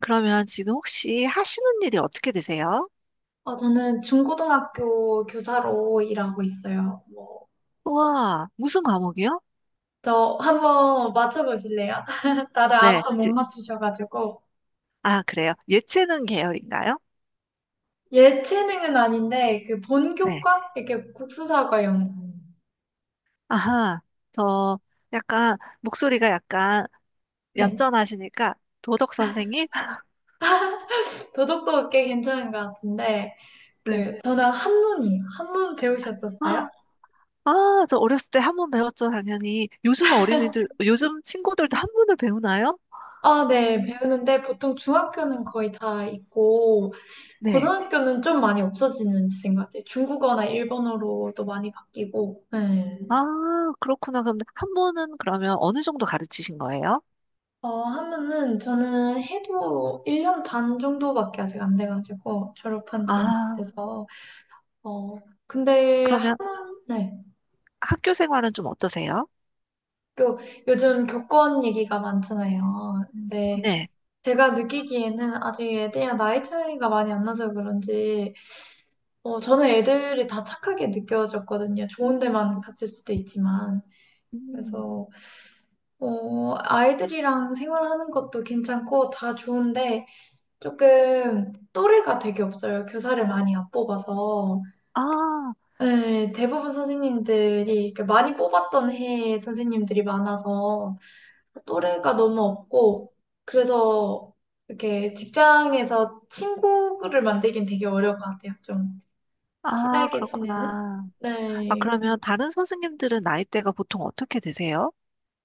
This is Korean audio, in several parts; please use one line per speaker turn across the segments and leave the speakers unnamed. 그러면 지금 혹시 하시는 일이 어떻게 되세요?
어, 저는 중고등학교 교사로 일하고 있어요. 뭐,
우와, 무슨 과목이요?
저 한번 맞춰보실래요? 다들
네,
아무도 못 맞추셔가지고.
아, 그래요. 예체능 계열인가요?
예체능은 아닌데, 그
네,
본교과? 이렇게 국수사과 영상.
아하, 저 약간 목소리가 약간
네.
얌전하시니까 도덕 선생님?
도덕도 꽤 괜찮은 것 같은데,
네.
그, 저는 한문이에요. 한문 배우셨었어요?
아, 아, 저 어렸을 때 한 번 배웠죠, 당연히. 요즘 어린이들, 요즘 친구들도 한문을 배우나요?
아, 네.
음,
배우는데 보통 중학교는 거의 다 있고,
네.
고등학교는 좀 많이 없어지는 추세인 것 같아요. 중국어나 일본어로도 많이 바뀌고, 네.
아, 그렇구나. 그럼 한문은 그러면 어느 정도 가르치신 거예요?
어, 하면은 저는 해도 1년 반 정도밖에 아직 안 돼가지고 졸업한 지 얼마 안
아,
돼서 어, 근데
그러면
하는 네.
학교 생활은 좀 어떠세요?
또 요즘 교권 얘기가 많잖아요. 근데
네.
제가 느끼기에는 아직 애들이랑 나이 차이가 많이 안 나서 그런지 어, 저는 애들이 다 착하게 느껴졌거든요. 좋은 데만 갔을 수도 있지만
음.
그래서 어, 아이들이랑 생활하는 것도 괜찮고 다 좋은데 조금 또래가 되게 없어요. 교사를 많이 안 뽑아서.
아,
네, 대부분 선생님들이 이렇게 많이 뽑았던 해 선생님들이 많아서 또래가 너무 없고 그래서 이렇게 직장에서 친구를 만들긴 되게 어려울 것 같아요. 좀
아,
친하게 지내는?
그렇구나. 아,
네.
그러면 다른 선생님들은 나이대가 보통 어떻게 되세요?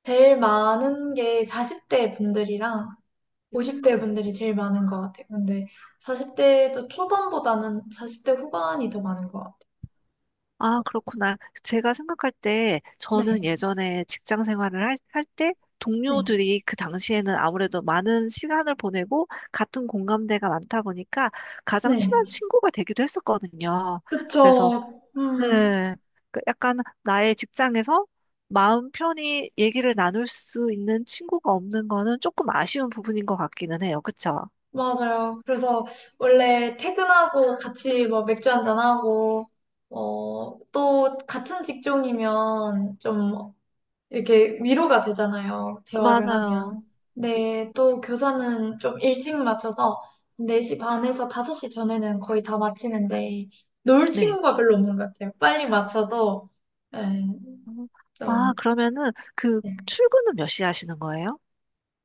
제일 많은 게 40대 분들이랑 50대
음.
분들이 제일 많은 것 같아요. 근데 40대도 초반보다는 40대 후반이 더 많은 것 같아요.
아,
그래서
그렇구나. 제가 생각할 때 저는
네.
예전에 직장 생활을 할 때
네,
동료들이 그 당시에는 아무래도 많은 시간을 보내고 같은 공감대가 많다 보니까 가장
네,
친한 친구가 되기도 했었거든요. 그래서
그쵸.
네. 그 약간 나의 직장에서 마음 편히 얘기를 나눌 수 있는 친구가 없는 거는 조금 아쉬운 부분인 것 같기는 해요. 그쵸?
맞아요. 그래서 원래 퇴근하고 같이 뭐 맥주 한잔하고, 어, 또 같은 직종이면 좀 이렇게 위로가 되잖아요. 대화를
맞아요.
하면. 네, 또 교사는 좀 일찍 맞춰서 4시 반에서 5시 전에는 거의 다 마치는데, 놀
네.
친구가 별로 없는 것 같아요. 빨리 맞춰도, 에,
음, 아,
좀.
그러면은 그
네.
출근은 몇 시에 하시는 거예요?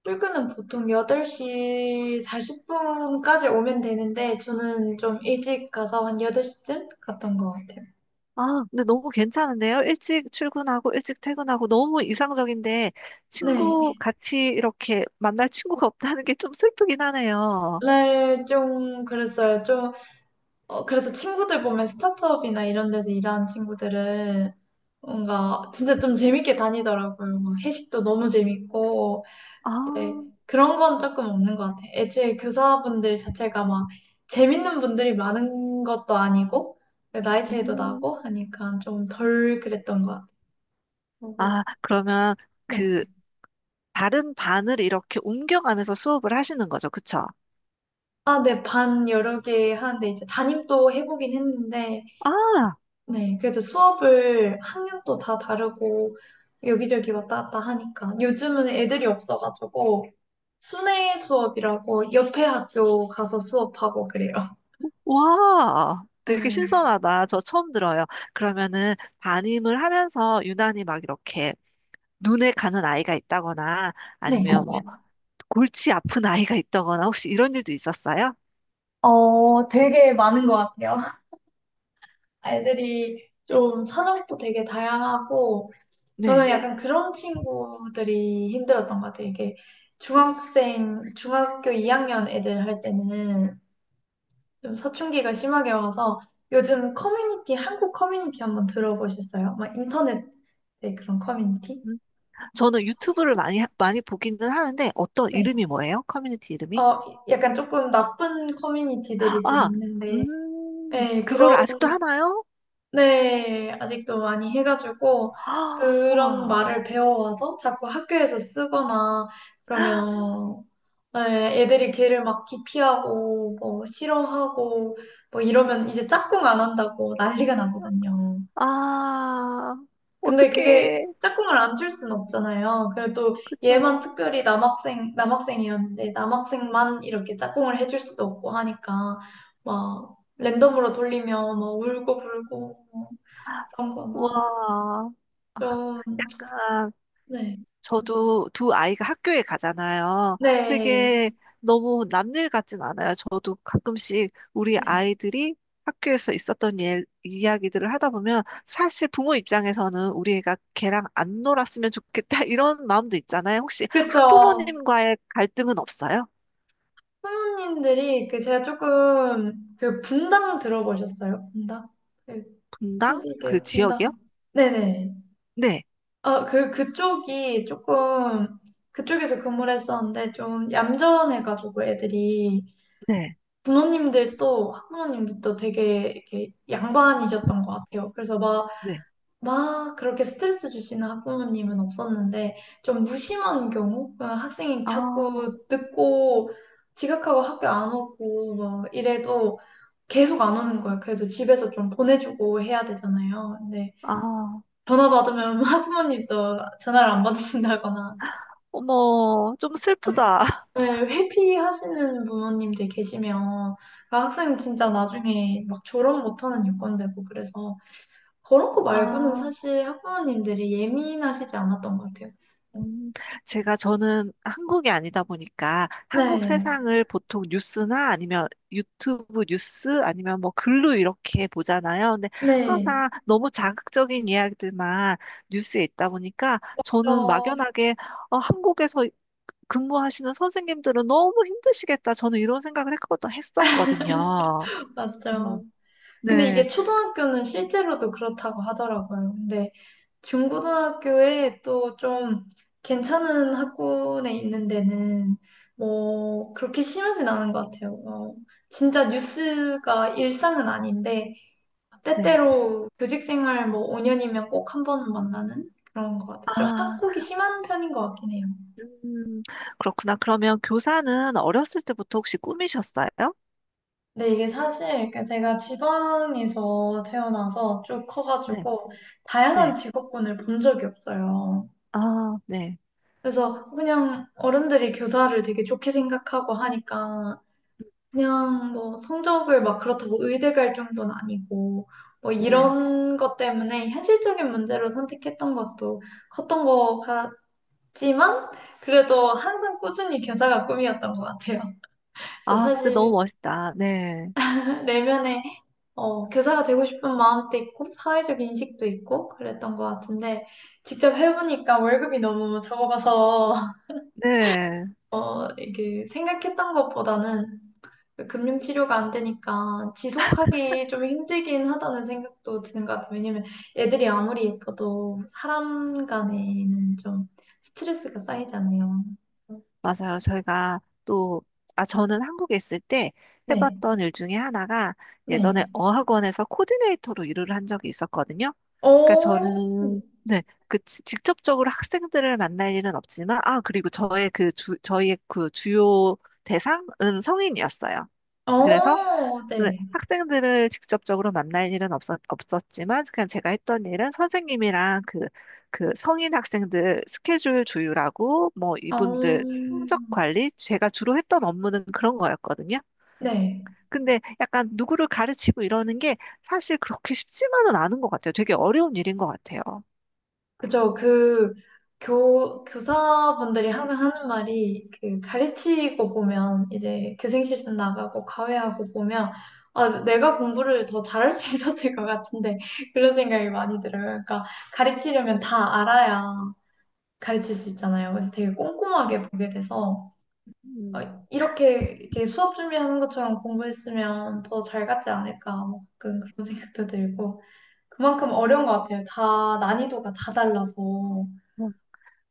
출근은 보통 8시 40분까지 오면 되는데, 저는 좀 일찍 가서 한 8시쯤 갔던 것 같아요.
아, 근데 너무 괜찮은데요? 일찍 출근하고 일찍 퇴근하고 너무 이상적인데 친구
네.
같이 이렇게 만날 친구가 없다는 게 좀 슬프긴 하네요.
네, 좀 그랬어요. 좀, 어, 그래서 친구들 보면 스타트업이나 이런 데서 일하는 친구들은 뭔가 진짜 좀 재밌게 다니더라고요. 뭐 회식도 너무 재밌고,
아,
네, 그런 건 조금 없는 것 같아요. 애초에 교사분들 자체가 막 재밌는 분들이 많은 것도 아니고, 네, 나이 차이도
음,
나고 하니까 좀 덜 그랬던 것 같아요.
아,
그리고,
그러면
네.
그 다른 반을 이렇게 옮겨가면서 수업을 하시는 거죠. 그쵸?
아, 네, 반 여러 개 하는데 이제 담임도 해보긴 했는데,
아,
네, 그래도 수업을 학년도 다 다르고 여기저기 왔다 갔다 하니까 요즘은 애들이 없어가지고 순회 수업이라고 옆에 학교 가서 수업하고 그래요.
와, 되게
네.
신선하다. 저 처음 들어요. 그러면은 담임을 하면서 유난히 막 이렇게 눈에 가는 아이가 있다거나
네.
아니면 뭐 골치 아픈 아이가 있다거나 혹시 이런 일도 있었어요?
어, 되게 많은 것 같아요. 애들이 좀 사정도 되게 다양하고, 저는
네.
약간 그런 친구들이 힘들었던 것 같아요. 이게 중학생, 중학교 2학년 애들 할 때는 좀 사춘기가 심하게 와서 요즘 커뮤니티, 한국 커뮤니티 한번 들어보셨어요? 막 인터넷, 네, 그런 커뮤니티?
음, 저는 유튜브를 많이, 많이 보기는 하는데 어떤
네.
이름이 뭐예요? 커뮤니티 이름이?
어, 약간 조금 나쁜 커뮤니티들이 좀
아,
있는데, 네,
그걸
그런
아직도 하나요?
네, 아직도 많이 해가지고
아,
그런
와.
말을 배워와서 자꾸 학교에서 쓰거나 그러면 네, 애들이 걔를 막 기피하고 뭐 싫어하고 뭐 이러면 이제 짝꿍 안 한다고 난리가 나거든요.
아,
근데 그게
어떡해.
짝꿍을 안 줄 순 없잖아요. 그래도 얘만
그죠.
특별히 남학생 남학생이었는데 남학생만 이렇게 짝꿍을 해줄 수도 없고 하니까 막 랜덤으로 돌리면 막 울고 불고 뭐 그런
와,
거나 좀,
약간
네.
저도 두 아이가 학교에 가잖아요.
네.
되게 너무 남일 같진 않아요. 저도 가끔씩 우리
네.
아이들이 학교에서 있었던 일, 이야기들을 하다 보면 사실 부모 입장에서는 우리 애가 걔랑 안 놀았으면 좋겠다 이런 마음도 있잖아요. 혹시
그쵸.
학부모님과의 갈등은 없어요?
부모님들이, 그, 제가 조금, 그, 분당 들어보셨어요? 분당? 그,
분당? 그
한국의 분당.
지역이요?
네네.
네,
어, 그, 그쪽이 조금, 그쪽에서 근무를 했었는데, 좀 얌전해가지고 애들이,
네,
부모님들도, 학부모님들도 되게, 이렇게, 양반이셨던 것 같아요. 그래서 막,
네.
막 그렇게 스트레스 주시는 학부모님은 없었는데 좀 무심한 경우 그냥 학생이 자꾸
아,
늦고 지각하고 학교 안 오고 막 이래도 계속 안 오는 거예요. 그래서 집에서 좀 보내주고 해야 되잖아요. 근데
아.
전화 받으면 학부모님도 전화를 안 받으신다거나
어머, 좀 슬프다.
네, 회피하시는 부모님들 계시면 아, 학생 진짜 나중에 막 졸업 못하는 요건 되고 그래서 그런 거 말고는
아,
사실 학부모님들이 예민하시지 않았던 것 같아요. 어.
음, 제가 저는 한국이 아니다 보니까 한국
네,
세상을 보통 뉴스나 아니면 유튜브 뉴스 아니면 뭐 글로 이렇게 보잖아요. 근데
네,
항상 너무 자극적인 이야기들만 뉴스에 있다 보니까 저는
어,
막연하게 어, 한국에서 근무하시는 선생님들은 너무 힘드시겠다. 저는 이런 생각을 했었거든요.
맞죠.
음,
근데
네,
이게 초등학교는 실제로도 그렇다고 하더라고요. 근데 중고등학교에 또 좀 괜찮은 학군에 있는 데는 뭐 그렇게 심하진 않은 것 같아요. 어, 진짜 뉴스가 일상은 아닌데
네.
때때로 교직 생활 뭐 5년이면 꼭 한 번은 만나는 그런 것 같아요. 좀
아.
학국이 심한 편인 것 같긴 해요.
음, 그렇구나. 그러면 교사는 어렸을 때부터 혹시 꿈이셨어요?
근데 이게 사실 그 제가 지방에서 태어나서 쭉
네.
커가지고 다양한
네.
직업군을 본 적이 없어요.
아, 네.
그래서 그냥 어른들이 교사를 되게 좋게 생각하고 하니까 그냥 뭐 성적을 막 그렇다고 의대 갈 정도는 아니고 뭐
네.
이런 것 때문에 현실적인 문제로 선택했던 것도 컸던 것 같지만 그래도 항상 꾸준히 교사가 꿈이었던 것 같아요. 그래서
아, 근데 너무
사실
멋있다. 네.
내면에 어, 교사가 되고 싶은 마음도 있고, 사회적 인식도 있고, 그랬던 것 같은데, 직접 해보니까 월급이 너무 적어서,
네.
어, 이게 생각했던 것보다는 그 금융치료가 안 되니까 지속하기 좀 힘들긴 하다는 생각도 드는 것 같아요. 왜냐면 애들이 아무리 예뻐도 사람 간에는 좀 스트레스가 쌓이잖아요. 그래서
맞아요. 저희가 또, 아, 저는 한국에 있을 때
네,
해봤던 일 중에 하나가
네.
예전에 어학원에서 코디네이터로 일을 한 적이 있었거든요.
어,
그러니까
어,
저는, 네. 직접적으로 학생들을 만날 일은 없지만, 아, 그리고 저희의 그 주요 대상은 성인이었어요. 그래서 네,
네.
학생들을 직접적으로 만날 일은 없었지만, 그냥 제가 했던 일은 선생님이랑 그, 그 성인 학생들 스케줄 조율하고, 뭐,
어,
이분들 성적 관리, 제가 주로 했던 업무는 그런 거였거든요.
네.
근데 약간 누구를 가르치고 이러는 게 사실 그렇게 쉽지만은 않은 것 같아요. 되게 어려운 일인 것 같아요.
그죠. 그, 교사분들이 항상 하는 말이, 그, 가르치고 보면, 이제 교생실습 나가고 과외하고 보면, 아, 내가 공부를 더 잘할 수 있었을 것 같은데, 그런 생각이 많이 들어요. 그러니까, 가르치려면 다 알아야 가르칠 수 있잖아요. 그래서 되게 꼼꼼하게 보게 돼서, 어,
음,
이렇게 수업 준비하는 것처럼 공부했으면 더 잘 갔지 않을까, 뭐 가끔 그런 생각도 들고, 그만큼 어려운 것 같아요. 다, 난이도가 다 달라서.
어,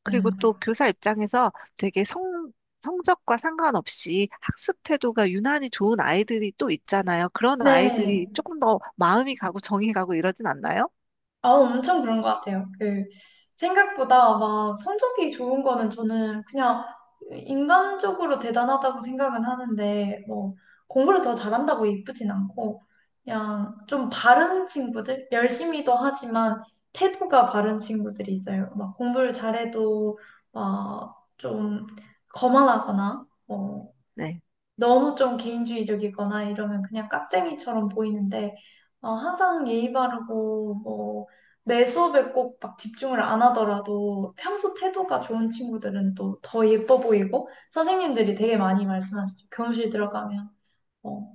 그리고 또
네.
교사 입장에서 되게 성적과 상관없이 학습 태도가 유난히 좋은 아이들이 또 있잖아요. 그런
네.
아이들이 조금 더 마음이 가고 정이 가고 이러진 않나요?
아, 엄청 그런 것 같아요. 그, 생각보다 막 성적이 좋은 거는 저는 그냥 인간적으로 대단하다고 생각은 하는데, 뭐, 공부를 더 잘한다고 예쁘진 않고, 그냥 좀 바른 친구들? 열심히도 하지만 태도가 바른 친구들이 있어요. 막 공부를 잘해도 막 좀 거만하거나, 어,
네.
너무 좀 개인주의적이거나 이러면 그냥 깍쟁이처럼 보이는데, 어, 항상 예의 바르고, 뭐, 내 수업에 꼭 막 집중을 안 하더라도 평소 태도가 좋은 친구들은 또 더 예뻐 보이고, 선생님들이 되게 많이 말씀하시죠. 교무실 들어가면. 어,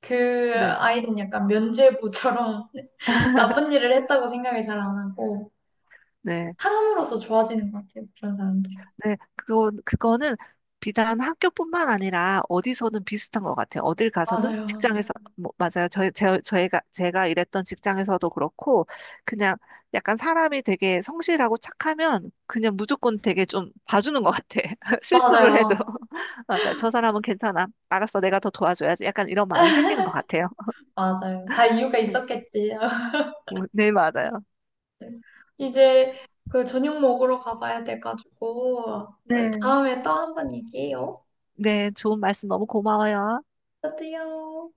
그
네.
아이는 약간 면죄부처럼 나쁜 일을 했다고 생각을 잘 안 하고,
네.
사람으로서 좋아지는 것 같아요. 그런 사람들.
네, 그거는 비단 학교뿐만 아니라 어디서든 비슷한 것 같아요. 어딜 가서든
맞아요.
직장에서, 뭐, 맞아요. 제가 일했던 직장에서도 그렇고, 그냥 약간 사람이 되게 성실하고 착하면 그냥 무조건 되게 좀 봐주는 것 같아. 실수를 해도.
맞아요.
맞아요. 저 사람은 괜찮아. 알았어. 내가 더 도와줘야지. 약간 이런 마음이 생기는 것 같아요.
맞아요. 다 이유가 있었겠지.
네, 맞아요.
네. 이제 그 저녁 먹으러 가봐야 돼가지고 우리
네.
다음에 또 한 번 얘기해요.
네, 좋은 말씀 너무 고마워요.
저도요.